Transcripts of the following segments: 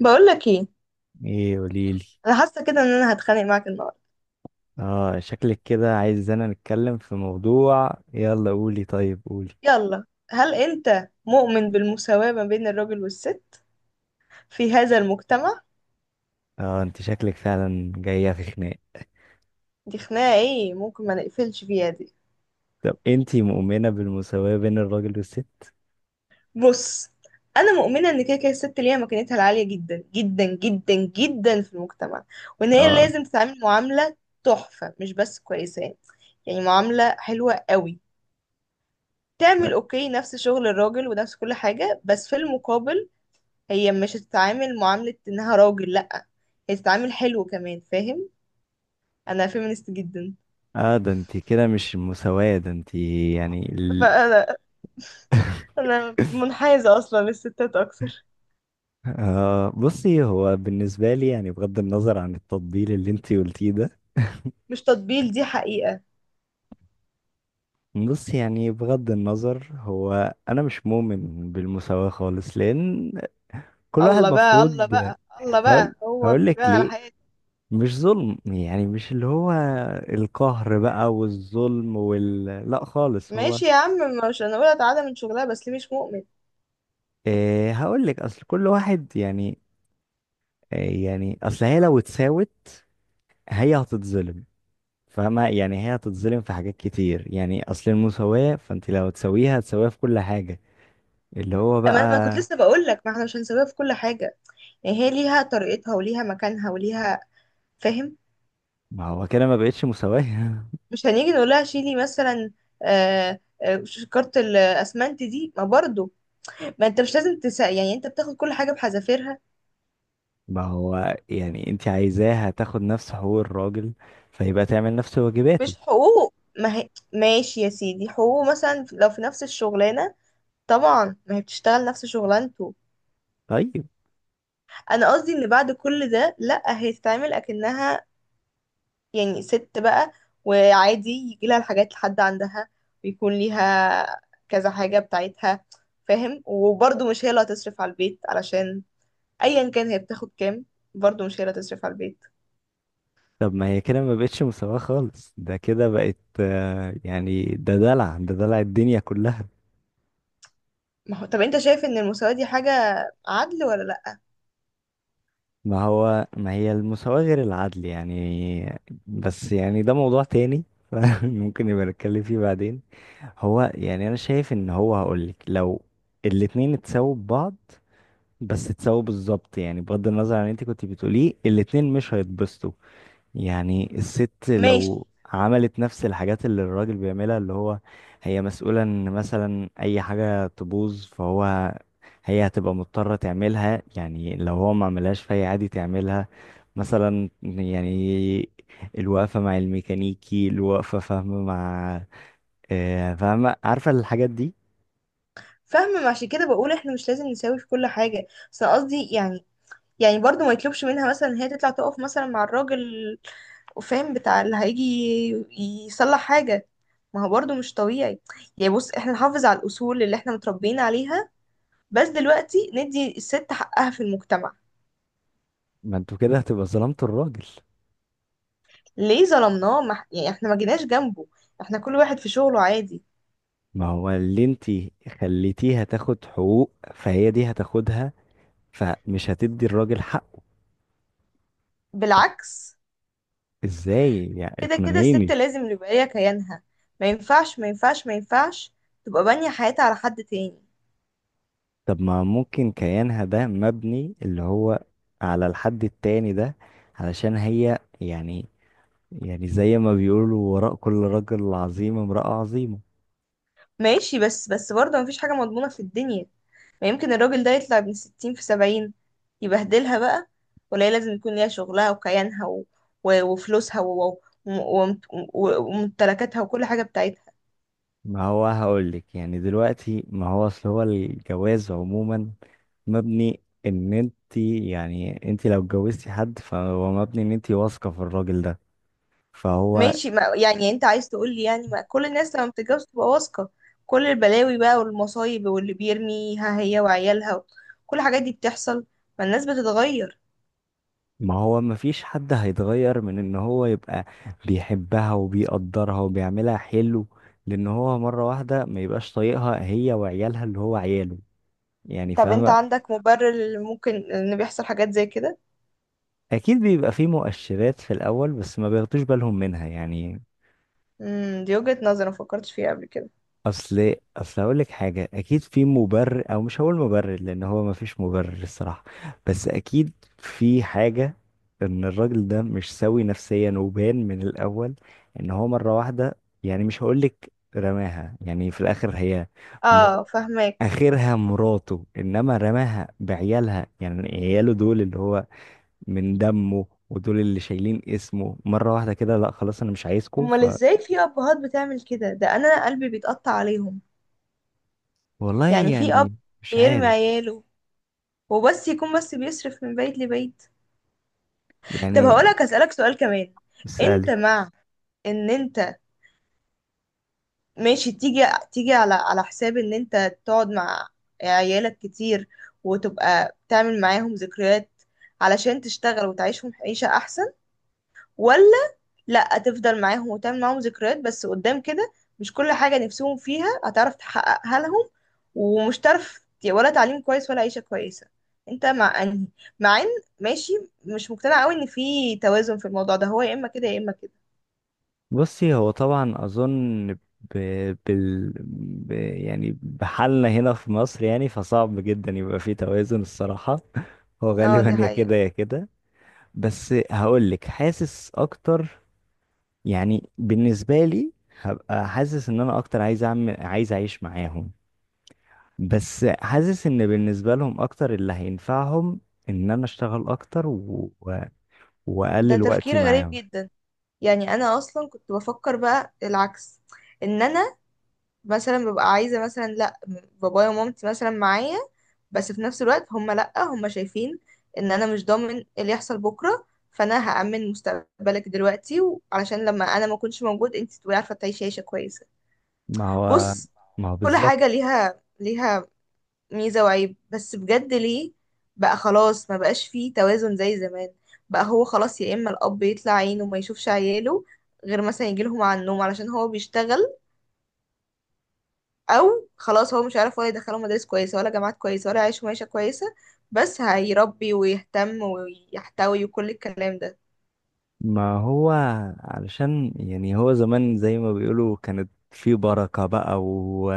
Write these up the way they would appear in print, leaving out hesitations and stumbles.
بقول لك ايه. ايه، قوليلي. انا حاسه كده ان انا هتخانق معاك النهارده. اه شكلك كده عايزانا نتكلم في موضوع، يلا قولي، طيب قولي. يلا. هل انت مؤمن بالمساواه ما بين الراجل والست في هذا المجتمع؟ اه، انت شكلك فعلا جاية في خناق. دي خناقه ايه، ممكن ما نقفلش فيها دي؟ طب انت مؤمنة بالمساواة بين الراجل والست؟ بص. انا مؤمنه ان كده كده الست ليها مكانتها العاليه جدا جدا جدا جدا في المجتمع، وان هي اه. لازم تتعامل معامله تحفه، مش بس كويسه، يعني معامله حلوه قوي. تعمل اوكي نفس شغل الراجل ونفس كل حاجه، بس في المقابل هي مش هتتعامل معاملة انها راجل، لأ. هي تتعامل حلو كمان، فاهم؟ انا فيمينست جدا. اه، ده انت كده مش المساواة، ده انت يعني ال... فانا انا منحازة اصلا للستات اكتر. آه، بصي، هو بالنسبة لي يعني بغض النظر عن التطبيل اللي انت قلتيه ده. مش تطبيل، دي حقيقة. بصي، يعني بغض النظر، هو انا مش مؤمن بالمساواة خالص، لان كل واحد الله بقى، الله مفروض. بقى، الله هقول بقى، هو هقول لك بيبان على ليه. حياتي. مش ظلم، يعني مش اللي هو القهر بقى والظلم، لا خالص، هو. ماشي يا عم. مش انا اقول تعالى من شغلها، بس ليه مش مؤمن؟ إيه، هقول لك، اصل كل واحد يعني. إيه يعني، اصل هي لو اتساوت هي هتتظلم. فاهمة، يعني هي هتتظلم في حاجات كتير، يعني اصل المساواة، فانت لو تساويها هتساويها في كل حاجة اللي هو اما انا كنت بقى. لسه بقول لك ما احنا مش هنسويها في كل حاجة، يعني هي ليها طريقتها وليها مكانها وليها. فاهم؟ ما هو كده ما بقتش مساواة مش هنيجي نقول لها شيلي مثلا. آه، آه، كارت الاسمنت دي ما برضو. ما انت مش لازم يعني انت بتاخد كل حاجة بحذافيرها. ما هو يعني انت عايزاها تاخد نفس حقوق الراجل، فيبقى تعمل نفس واجباته. مش حقوق، ما هي ماشي يا سيدي، حقوقه مثلا لو في نفس الشغلانة طبعا ما هي بتشتغل نفس شغلانته. طيب. انا قصدي ان بعد كل ده لا، هي تتعامل اكنها يعني ست بقى، وعادي يجي لها الحاجات لحد عندها، ويكون ليها كذا حاجة بتاعتها. فاهم؟ وبرضه مش هي اللي هتصرف على البيت، علشان ايا كان هي بتاخد كام، برضه مش هي اللي هتصرف على البيت. طب ما هي كده ما بقتش مساواة خالص، ده كده بقت، يعني ده دلع، ده دلع الدنيا كلها. ما هو طب انت شايف ان المساواة دي حاجة عدل ولا لا؟ ما هو ما هي المساواة غير العدل يعني. بس يعني ده موضوع تاني ممكن نبقى نتكلم فيه بعدين. هو يعني انا شايف ان هو هقولك، لو الاتنين اتساووا ببعض، بس اتساووا بالظبط، يعني بغض النظر عن اللي انت كنت بتقوليه، الاتنين مش هيتبسطوا. يعني الست ماشي. لو عملت نفس الحاجات اللي الراجل بيعملها، اللي هو هي مسؤولة ان مثلا اي حاجة تبوظ، فهو، هي هتبقى مضطرة تعملها، يعني لو هو ما عملهاش فهي عادي تعملها. مثلا يعني الوقفة مع الميكانيكي، الوقفة، فاهمة مع، آه، فاهمة، عارفة الحاجات دي. فاهمة، ما عشان كده بقول احنا مش لازم نساوي في كل حاجة. بس أنا قصدي يعني، يعني برضو ما يطلبش منها مثلا ان هي تطلع تقف مثلا مع الراجل، فاهم؟ بتاع اللي هيجي يصلح حاجة. ما هو برضو مش طبيعي. يعني بص، احنا نحافظ على الأصول اللي احنا متربيين عليها، بس دلوقتي ندي الست حقها في المجتمع. ما انتوا كده هتبقى ظلمتوا الراجل. ليه ظلمناه؟ ما... ح- يعني احنا ما جيناش جنبه، احنا كل واحد في شغله عادي. ما هو اللي انتي خليتيها تاخد حقوق، فهي دي هتاخدها، فمش هتدي الراجل حق. بالعكس. ازاي يعني؟ كده كده الست اقنعيني. لازم يبقى ليها كيانها. ما ينفعش، ما ينفعش، ما ينفعش تبقى بانية حياتها على حد تاني. طب ما ممكن كيانها ده مبني اللي هو على الحد التاني ده، علشان هي يعني زي ما بيقولوا وراء كل رجل عظيم امرأة عظيمة. ماشي. بس برضه مفيش حاجة مضمونة في الدنيا. ما يمكن الراجل ده يطلع من 60 في 70 يبهدلها بقى. ولا هي لازم يكون ليها شغلها وكيانها، و... و... وفلوسها و... و... وم- وممتلكاتها وكل حاجة بتاعتها. ما هو هقولك، يعني دلوقتي، ما هو اصل هو الجواز عموما مبني ان انت، يعني انت لو اتجوزتي حد فهو مبني ان انت واثقة في الراجل ده، فهو. ماشي. ما... يعني انت عايز تقول لي يعني ما كل الناس لما بتتجوز تبقى واثقة؟ كل البلاوي بقى والمصايب واللي بيرميها هي وعيالها، كل الحاجات دي بتحصل. ما الناس بتتغير. ما هو مفيش حد هيتغير من ان هو يبقى بيحبها وبيقدرها وبيعملها حلو، لان هو مرة واحدة ما يبقاش طايقها هي وعيالها اللي هو عياله، يعني طب انت فاهمة. عندك مبرر اللي ممكن ان بيحصل حاجات زي كده؟ اكيد بيبقى في مؤشرات في الاول، بس ما بياخدوش بالهم منها يعني. دي وجهة نظر ما فكرتش فيها قبل كده. اصل اقول لك حاجه، اكيد في مبرر، او مش هقول مبرر لان هو ما فيش مبرر الصراحه، بس اكيد في حاجه ان الراجل ده مش سوي نفسيا، وبان من الاول ان هو مره واحده، يعني مش هقول لك رماها يعني في الاخر هي م- اه، فهماك. اخرها مراته، انما رماها بعيالها، يعني عياله دول اللي هو من دمه ودول اللي شايلين اسمه، مره واحده كده لا خلاص انا مش عايزكم. امال ازاي في ابهات بتعمل كده؟ ده انا قلبي بيتقطع عليهم. والله يعني في اب يعني. مش بيرمي عارف. عياله، وبس يكون بس بيصرف من بيت لبيت؟ طب يعني هقولك اسالك سؤال كمان. انت اسألي. مع ان انت ماشي تيجي، تيجي على حساب ان انت تقعد مع عيالك كتير وتبقى تعمل معاهم ذكريات، علشان تشتغل وتعيشهم عيشة احسن؟ ولا لا، تفضل معاهم وتعمل معاهم ذكريات بس قدام كده مش كل حاجة نفسهم فيها هتعرف تحققها لهم، ومش تعرف ولا تعليم كويس ولا عيشة كويسة؟ انت مع انهي؟ مع ان ماشي، مش مقتنعة قوي ان في توازن في الموضوع ده، هو يا اما كده يا اما كده. بصي، هو طبعا اظن بال... يعني بحالنا هنا في مصر يعني، فصعب جدا يبقى فيه توازن الصراحة هو اه، دي غالبا يا حقيقة. كده يا كده. بس هقولك حاسس اكتر، يعني بالنسبة لي، هبقى حاسس ان انا اكتر عايز اعمل عايز اعيش معاهم، بس حاسس ان بالنسبة لهم اكتر اللي هينفعهم ان انا اشتغل اكتر ده واقلل تفكير وقتي غريب معاهم. جدا. يعني انا اصلا كنت بفكر بقى العكس. ان انا مثلا ببقى عايزة مثلا لا، بابايا ومامتي مثلا معايا، بس في نفس الوقت هم لأ، هم شايفين ان انا مش ضامن اللي يحصل بكرة، فانا هأمن مستقبلك دلوقتي علشان لما انا ما اكونش موجود انت تبقي عارفة تعيشي عيشة كويسة. ما هو. بص، ما هو كل بالظبط. حاجة ليها ميزة وعيب، بس بجد ليه بقى خلاص ما بقاش فيه توازن زي زمان؟ بقى هو خلاص يا اما الاب يطلع عينه وما يشوفش عياله غير مثلا يجيلهم على النوم علشان هو بيشتغل، او خلاص هو مش عارف ولا يدخله مدارس كويسه ولا جامعات كويسه ولا يعيشه معيشه كويسه، بس هيربي ويهتم ويحتوي وكل الكلام ده. ما هو علشان يعني هو زمان زي ما بيقولوا كانت في بركة بقى.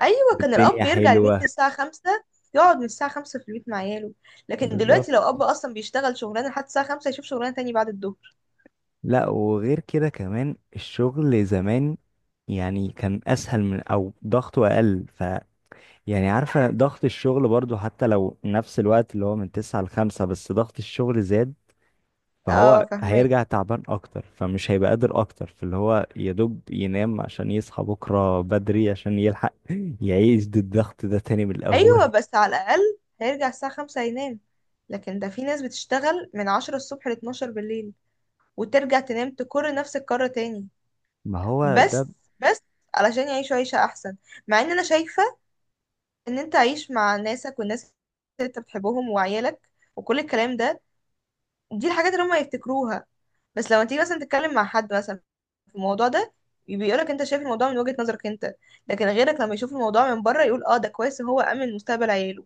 ايوه، كان والدنيا الاب يرجع البيت حلوة. الساعه 5، يقعد من الساعه 5 في البيت مع عياله. لكن بالظبط. دلوقتي لو اب اصلا بيشتغل شغلانه لحد الساعه 5 يشوف شغلانه تاني بعد الظهر. لا، وغير كده كمان الشغل زمان، يعني كان أسهل أو ضغطه أقل، يعني عارفة ضغط الشغل برضو حتى لو نفس الوقت اللي هو من 9 لـ 5، بس ضغط الشغل زاد. اه، فهو فهماك. هيرجع تعبان اكتر، فمش هيبقى قادر اكتر، فاللي هو يا دوب ينام عشان يصحى بكره بدري عشان يلحق يعيش ضد الضغط ده تاني من الاول. ايوه، بس على الاقل هيرجع الساعه 5 ينام، لكن ده في ناس بتشتغل من 10 الصبح لاتناشر بالليل وترجع تنام تكر نفس الكرة تاني. ما هو ده. بس بس علشان يعيشوا عيشة أحسن، مع إن أنا شايفة إن أنت عايش مع ناسك والناس اللي أنت بتحبهم وعيالك وكل الكلام ده، دي الحاجات اللي هما يفتكروها. بس لما تيجي مثلا تتكلم مع حد مثلا في الموضوع ده، بيقولك أنت شايف الموضوع من وجهة نظرك أنت، لكن غيرك لما يشوف الموضوع من بره يقول اه ده كويس إن هو أمن مستقبل عياله.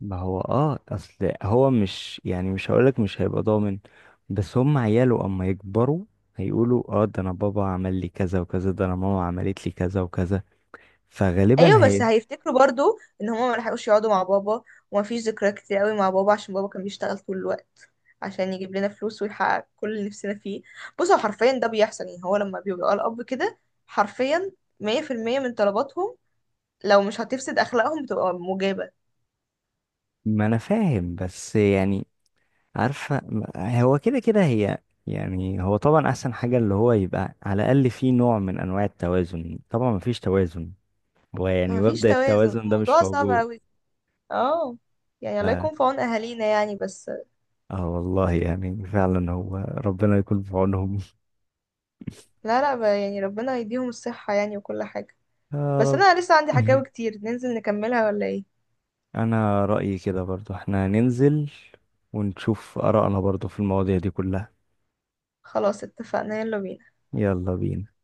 ما هو اصل هو مش يعني مش هقولك مش هيبقى ضامن، بس هم عياله اما يكبروا هيقولوا اه ده انا بابا عمل لي كذا وكذا، ده انا ماما عملت لي كذا وكذا، فغالبا ايوه، بس هي. هيفتكروا برضو ان هما ما لحقوش يقعدوا مع بابا، ومفيش ذكريات كتير قوي مع بابا، عشان بابا كان بيشتغل طول الوقت عشان يجيب لنا فلوس ويحقق كل اللي نفسنا فيه. بص، هو حرفيا ده بيحصل، يعني هو لما بيبقى الاب كده حرفيا 100% من طلباتهم لو مش هتفسد اخلاقهم بتبقى مجابة. ما انا فاهم، بس يعني عارفة هو كده كده هي، يعني هو طبعا أحسن حاجة اللي هو يبقى على الأقل في نوع من أنواع التوازن، طبعا مفيش توازن، هو يعني مفيش مبدأ توازن، التوازن ده مش الموضوع صعب موجود قوي. اه، يعني ف... الله يكون في عون اهالينا يعني. بس اه والله يعني فعلا هو ربنا يكون في عونهم لا لا، يعني ربنا يديهم الصحة يعني وكل حاجة. يا بس رب. انا لسه عندي حكاوي كتير، ننزل نكملها ولا ايه؟ أنا رأيي كده برضو احنا ننزل ونشوف آرائنا برضو في المواضيع دي كلها. خلاص اتفقنا، يلا بينا. يلا بينا.